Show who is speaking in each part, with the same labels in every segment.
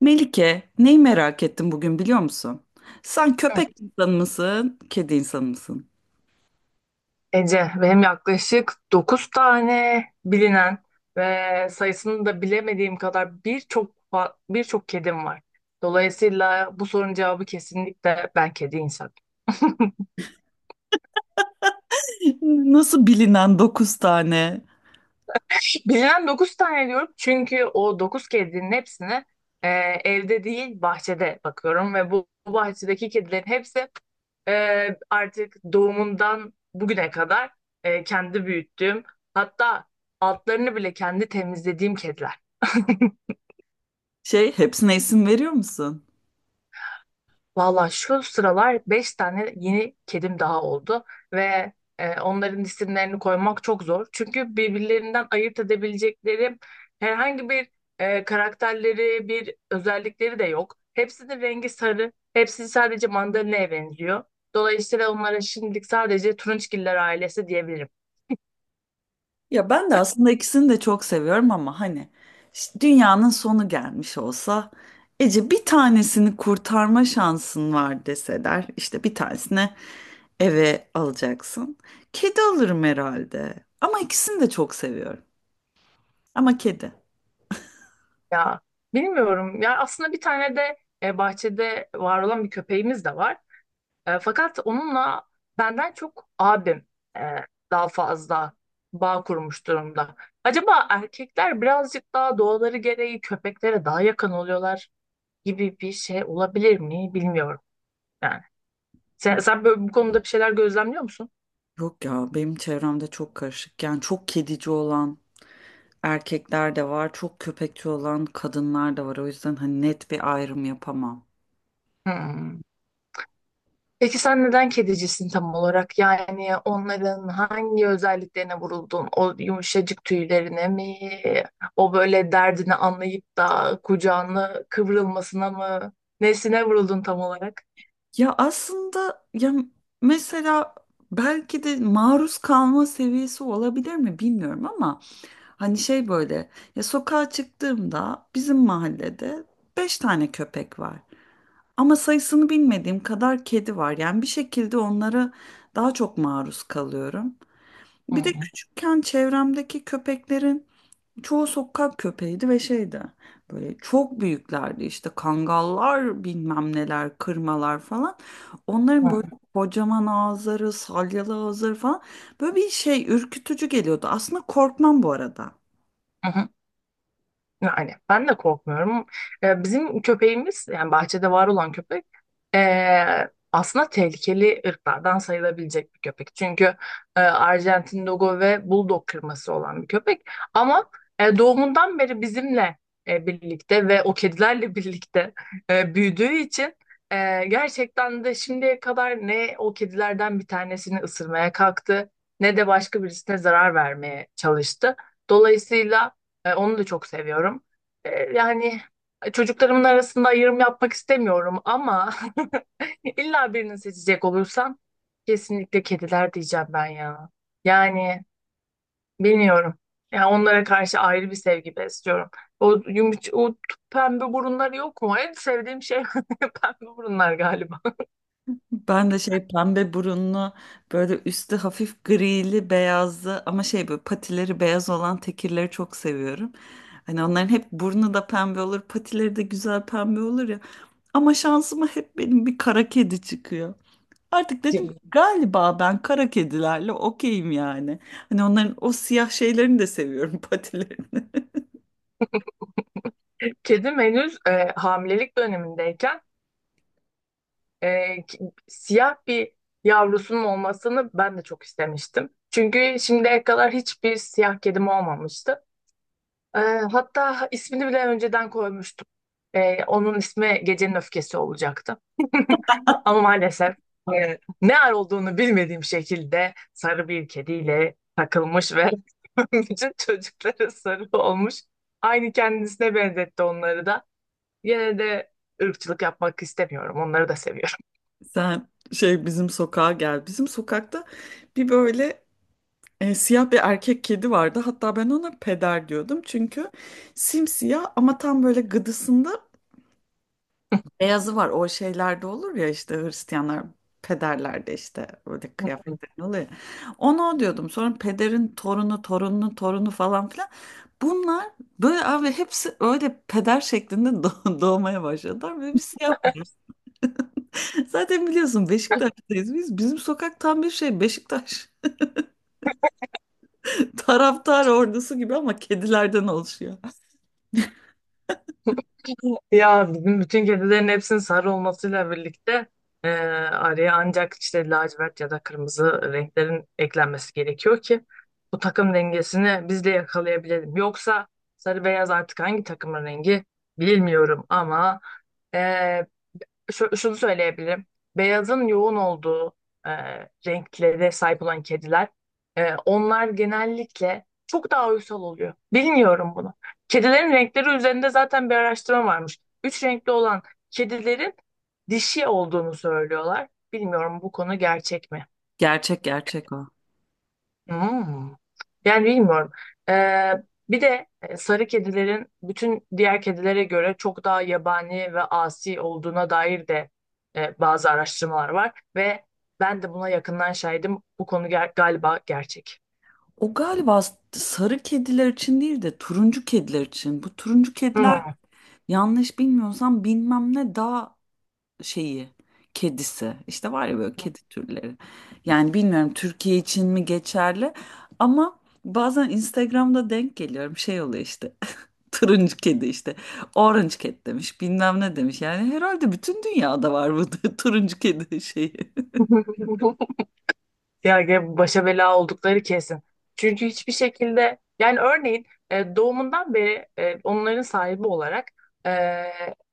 Speaker 1: Melike, neyi merak ettim bugün biliyor musun? Sen
Speaker 2: Evet,
Speaker 1: köpek insanı mısın, kedi insanı mısın?
Speaker 2: Ece, benim yaklaşık 9 tane bilinen ve sayısını da bilemediğim kadar birçok birçok kedim var. Dolayısıyla bu sorunun cevabı kesinlikle ben kedi insanım.
Speaker 1: Nasıl bilinen dokuz tane
Speaker 2: Bilinen dokuz tane diyorum, çünkü o 9 kedinin hepsine e, evde değil bahçede bakıyorum ve bu bahçedeki kedilerin hepsi, artık doğumundan bugüne kadar kendi büyüttüğüm, hatta altlarını bile kendi temizlediğim kediler.
Speaker 1: şey, hepsine isim veriyor musun?
Speaker 2: Valla şu sıralar 5 tane yeni kedim daha oldu ve onların isimlerini koymak çok zor. Çünkü birbirlerinden ayırt edebilecekleri herhangi bir karakterleri, bir özellikleri de yok. Hepsinin rengi sarı, hepsi sadece mandalina'ya benziyor. Dolayısıyla onlara şimdilik sadece turunçgiller ailesi diyebilirim.
Speaker 1: Ya ben de aslında ikisini de çok seviyorum ama hani dünyanın sonu gelmiş olsa Ece bir tanesini kurtarma şansın var deseler işte bir tanesine eve alacaksın. Kedi alırım herhalde ama ikisini de çok seviyorum ama kedi.
Speaker 2: Ya bilmiyorum. Ya aslında bir tane de bahçede var olan bir köpeğimiz de var. Fakat onunla benden çok abim e, daha fazla bağ kurmuş durumda. Acaba erkekler birazcık daha doğaları gereği köpeklere daha yakın oluyorlar gibi bir şey olabilir mi? Bilmiyorum. Yani sen böyle bu konuda bir şeyler gözlemliyor musun?
Speaker 1: Yok ya benim çevremde çok karışık. Yani çok kedici olan erkekler de var, çok köpekçi olan kadınlar da var. O yüzden hani net bir ayrım yapamam.
Speaker 2: Hmm. Peki sen neden kedicisin tam olarak? Yani onların hangi özelliklerine vuruldun? O yumuşacık tüylerine mi? O böyle derdini anlayıp da kucağına kıvrılmasına mı? Nesine vuruldun tam olarak?
Speaker 1: Ya aslında ya mesela belki de maruz kalma seviyesi olabilir mi bilmiyorum ama hani şey böyle ya sokağa çıktığımda bizim mahallede beş tane köpek var. Ama sayısını bilmediğim kadar kedi var. Yani bir şekilde onlara daha çok maruz kalıyorum.
Speaker 2: Hı
Speaker 1: Bir de
Speaker 2: hı.
Speaker 1: küçükken çevremdeki köpeklerin çoğu sokak köpeğiydi ve şeydi. Böyle çok büyüklerdi işte kangallar bilmem neler kırmalar falan.
Speaker 2: Hı
Speaker 1: Onların böyle
Speaker 2: hı.
Speaker 1: kocaman ağızları salyalı ağızları falan böyle bir şey ürkütücü geliyordu. Aslında korkmam bu arada.
Speaker 2: Yani ben de korkmuyorum. Bizim köpeğimiz, yani bahçede var olan köpek, aslında tehlikeli ırklardan sayılabilecek bir köpek. Çünkü Arjantin Dogo ve Bulldog kırması olan bir köpek. Ama doğumundan beri bizimle birlikte ve o kedilerle birlikte büyüdüğü için gerçekten de şimdiye kadar ne o kedilerden bir tanesini ısırmaya kalktı, ne de başka birisine zarar vermeye çalıştı. Dolayısıyla onu da çok seviyorum. Yani çocuklarımın arasında ayrım yapmak istemiyorum, ama illa birini seçecek olursam kesinlikle kediler diyeceğim ben ya. Yani bilmiyorum. Yani onlara karşı ayrı bir sevgi besliyorum. O yumuş, o t- pembe burunları yok mu? En sevdiğim şey pembe burunlar galiba.
Speaker 1: Ben de şey pembe burunlu böyle üstü hafif grili beyazlı ama şey böyle patileri beyaz olan tekirleri çok seviyorum. Hani onların hep burnu da pembe olur patileri de güzel pembe olur ya. Ama şansıma hep benim bir kara kedi çıkıyor. Artık dedim ki, galiba ben kara kedilerle okeyim yani. Hani onların o siyah şeylerini de seviyorum patilerini.
Speaker 2: Kedim henüz hamilelik dönemindeyken, e, ki- siyah bir yavrusunun olmasını ben de çok istemiştim. Çünkü şimdiye kadar hiçbir siyah kedim olmamıştı. E, hatta ismini bile önceden koymuştum. Onun ismi Gecenin Öfkesi olacaktı. Ama maalesef ne ar olduğunu bilmediğim şekilde sarı bir kediyle takılmış ve bütün çocukları sarı olmuş. Aynı kendisine benzetti onları da. Yine de ırkçılık yapmak istemiyorum. Onları da seviyorum.
Speaker 1: Sen şey bizim sokağa gel. Bizim sokakta bir böyle siyah bir erkek kedi vardı. Hatta ben ona peder diyordum. Çünkü simsiyah ama tam böyle gıdısında beyazı var. O şeylerde olur ya işte Hristiyanlar pederlerde işte böyle kıyafetler oluyor, ya. Ona o diyordum. Sonra pederin torunu, torununun torunu falan filan. Bunlar böyle abi hepsi öyle peder şeklinde doğmaya başladılar. Böyle bir siyah. Zaten biliyorsun Beşiktaş'tayız biz. Bizim sokak tam bir şey Beşiktaş taraftar ordusu gibi ama kedilerden oluşuyor.
Speaker 2: Ya bizim bütün kedilerin hepsinin sarı olmasıyla birlikte e, araya ancak işte lacivert ya da kırmızı renklerin eklenmesi gerekiyor ki bu takım dengesini biz de yakalayabilelim. Yoksa sarı beyaz artık hangi takımın rengi bilmiyorum, ama e, şunu söyleyebilirim. Beyazın yoğun olduğu e, renklere sahip olan kediler, onlar genellikle çok daha uysal oluyor. Bilmiyorum bunu. Kedilerin renkleri üzerinde zaten bir araştırma varmış. Üç renkli olan kedilerin dişi olduğunu söylüyorlar. Bilmiyorum, bu konu gerçek mi?
Speaker 1: Gerçek gerçek o.
Speaker 2: Hmm. Yani bilmiyorum. Ee, bir de sarı kedilerin bütün diğer kedilere göre çok daha yabani ve asi olduğuna dair de bazı araştırmalar var ve ben de buna yakından şahidim. Bu konu galiba gerçek.
Speaker 1: O galiba sarı kediler için değil de turuncu kediler için. Bu turuncu kediler
Speaker 2: Hmm.
Speaker 1: yanlış bilmiyorsam bilmem ne dağ şeyi kedisi. İşte var ya böyle kedi türleri. Yani bilmiyorum Türkiye için mi geçerli ama bazen Instagram'da denk geliyorum şey oluyor işte. Turuncu kedi işte. Orange cat demiş bilmem ne demiş. Yani herhalde bütün dünyada var bu turuncu kedi şeyi.
Speaker 2: Ya başa bela oldukları kesin. Çünkü hiçbir şekilde, yani örneğin doğumundan beri onların sahibi olarak e,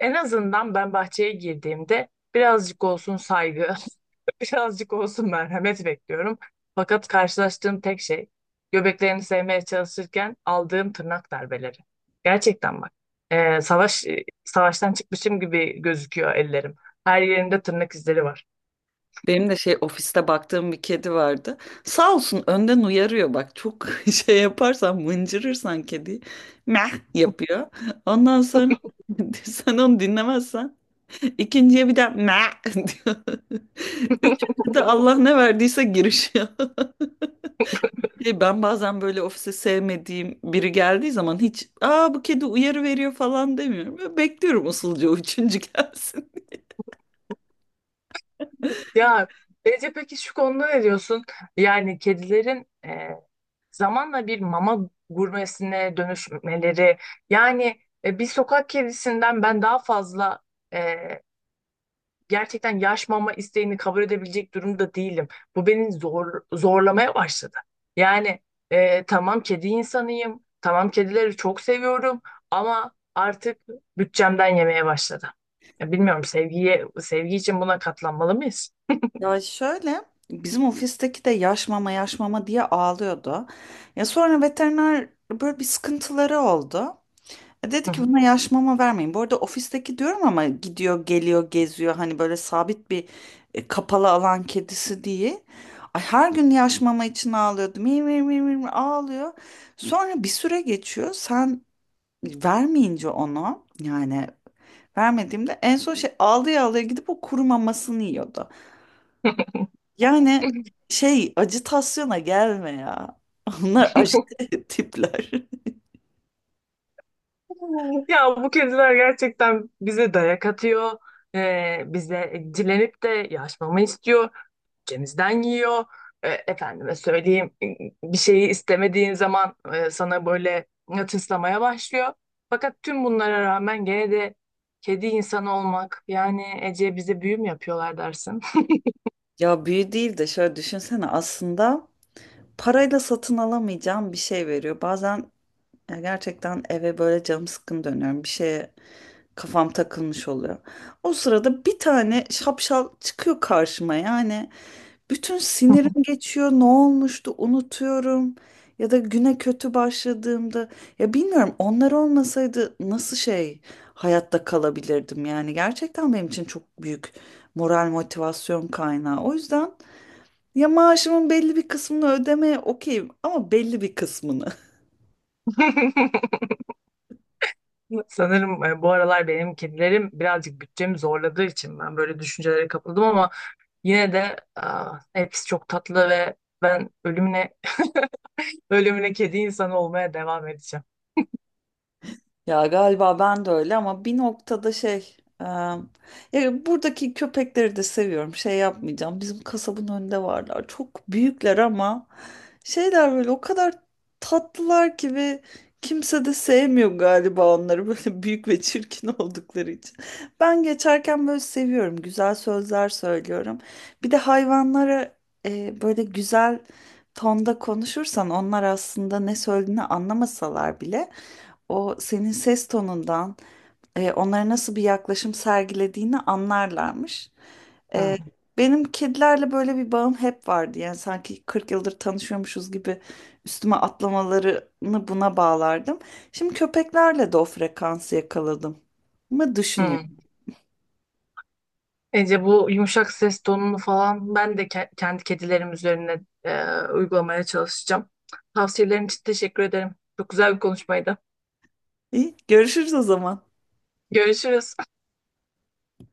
Speaker 2: en azından ben bahçeye girdiğimde birazcık olsun saygı, birazcık olsun merhamet bekliyorum. Fakat karşılaştığım tek şey göbeklerini sevmeye çalışırken aldığım tırnak darbeleri. Gerçekten bak. Savaştan çıkmışım gibi gözüküyor ellerim. Her yerimde tırnak izleri var.
Speaker 1: Benim de şey ofiste baktığım bir kedi vardı. Sağ olsun önden uyarıyor, bak çok şey yaparsan mıncırırsan kedi meh yapıyor. Ondan sonra sen onu dinlemezsen ikinciye bir de meh diyor. Üçüncü de Allah ne verdiyse girişiyor. Şey, ben bazen böyle ofise sevmediğim biri geldiği zaman hiç aa bu kedi uyarı veriyor falan demiyorum. Böyle bekliyorum usulca o üçüncü gelsin.
Speaker 2: Ya Ece, peki şu konuda ne diyorsun? Yani kedilerin zamanla bir mama gurmesine dönüşmeleri, yani bir sokak kedisinden ben daha fazla e, gerçekten yaş mama isteğini kabul edebilecek durumda değilim. Bu beni zorlamaya başladı. Yani tamam kedi insanıyım, tamam kedileri çok seviyorum, ama artık bütçemden yemeye başladı. Ya bilmiyorum, sevgi için buna katlanmalı mıyız?
Speaker 1: Ya şöyle, bizim ofisteki de yaş mama yaş mama diye ağlıyordu. Ya sonra veteriner, böyle bir sıkıntıları oldu. E dedi ki buna yaş mama vermeyin. Bu arada ofisteki diyorum ama gidiyor geliyor geziyor, hani böyle sabit bir kapalı alan kedisi değil. Ay her gün yaş mama için ağlıyordu. Mi mi mi mi mi ağlıyor. Sonra bir süre geçiyor. Sen vermeyince onu yani vermediğimde en son şey ağlaya ağlaya gidip o kuru mamasını yiyordu. Yani şey acıtasyona gelme ya. Onlar aşırı tipler.
Speaker 2: Ya bu kediler gerçekten bize dayak atıyor. Bize dilenip de yaşmamı istiyor. Cemizden yiyor. Efendime söyleyeyim, bir şeyi istemediğin zaman sana böyle tıslamaya başlıyor. Fakat tüm bunlara rağmen gene de kedi insanı olmak, yani Ece, bize büyü mü yapıyorlar dersin?
Speaker 1: Ya büyü değil de şöyle düşünsene, aslında parayla satın alamayacağım bir şey veriyor. Bazen ya gerçekten eve böyle canım sıkkın dönüyorum. Bir şeye kafam takılmış oluyor. O sırada bir tane şapşal çıkıyor karşıma yani. Bütün sinirim geçiyor. Ne olmuştu unutuyorum. Ya da güne kötü başladığımda ya bilmiyorum onlar olmasaydı nasıl şey hayatta kalabilirdim, yani gerçekten benim için çok büyük moral motivasyon kaynağı. O yüzden ya maaşımın belli bir kısmını ödemeye okeyim ama belli bir kısmını.
Speaker 2: Sanırım bu aralar benim kedilerim birazcık bütçemi zorladığı için ben böyle düşüncelere kapıldım, ama yine de hepsi çok tatlı ve ben ölümüne ölümüne kedi insanı olmaya devam edeceğim.
Speaker 1: Ya galiba ben de öyle ama bir noktada şey ya buradaki köpekleri de seviyorum, şey yapmayacağım, bizim kasabın önünde varlar çok büyükler ama şeyler böyle o kadar tatlılar ki ve kimse de sevmiyor galiba onları böyle büyük ve çirkin oldukları için. Ben geçerken böyle seviyorum. Güzel sözler söylüyorum. Bir de hayvanlara böyle güzel tonda konuşursan onlar aslında ne söylediğini anlamasalar bile o senin ses tonundan onlara nasıl bir yaklaşım sergilediğini anlarlarmış. E,
Speaker 2: Hmm.
Speaker 1: benim kedilerle böyle bir bağım hep vardı. Yani sanki 40 yıldır tanışıyormuşuz gibi üstüme atlamalarını buna bağlardım. Şimdi köpeklerle de o frekansı yakaladım mı düşünüyorum.
Speaker 2: Hmm. Ece, bu yumuşak ses tonunu falan ben de kendi kedilerim üzerine uygulamaya çalışacağım. Tavsiyelerin için teşekkür ederim. Çok güzel bir konuşmaydı.
Speaker 1: İyi, görüşürüz o zaman.
Speaker 2: Görüşürüz.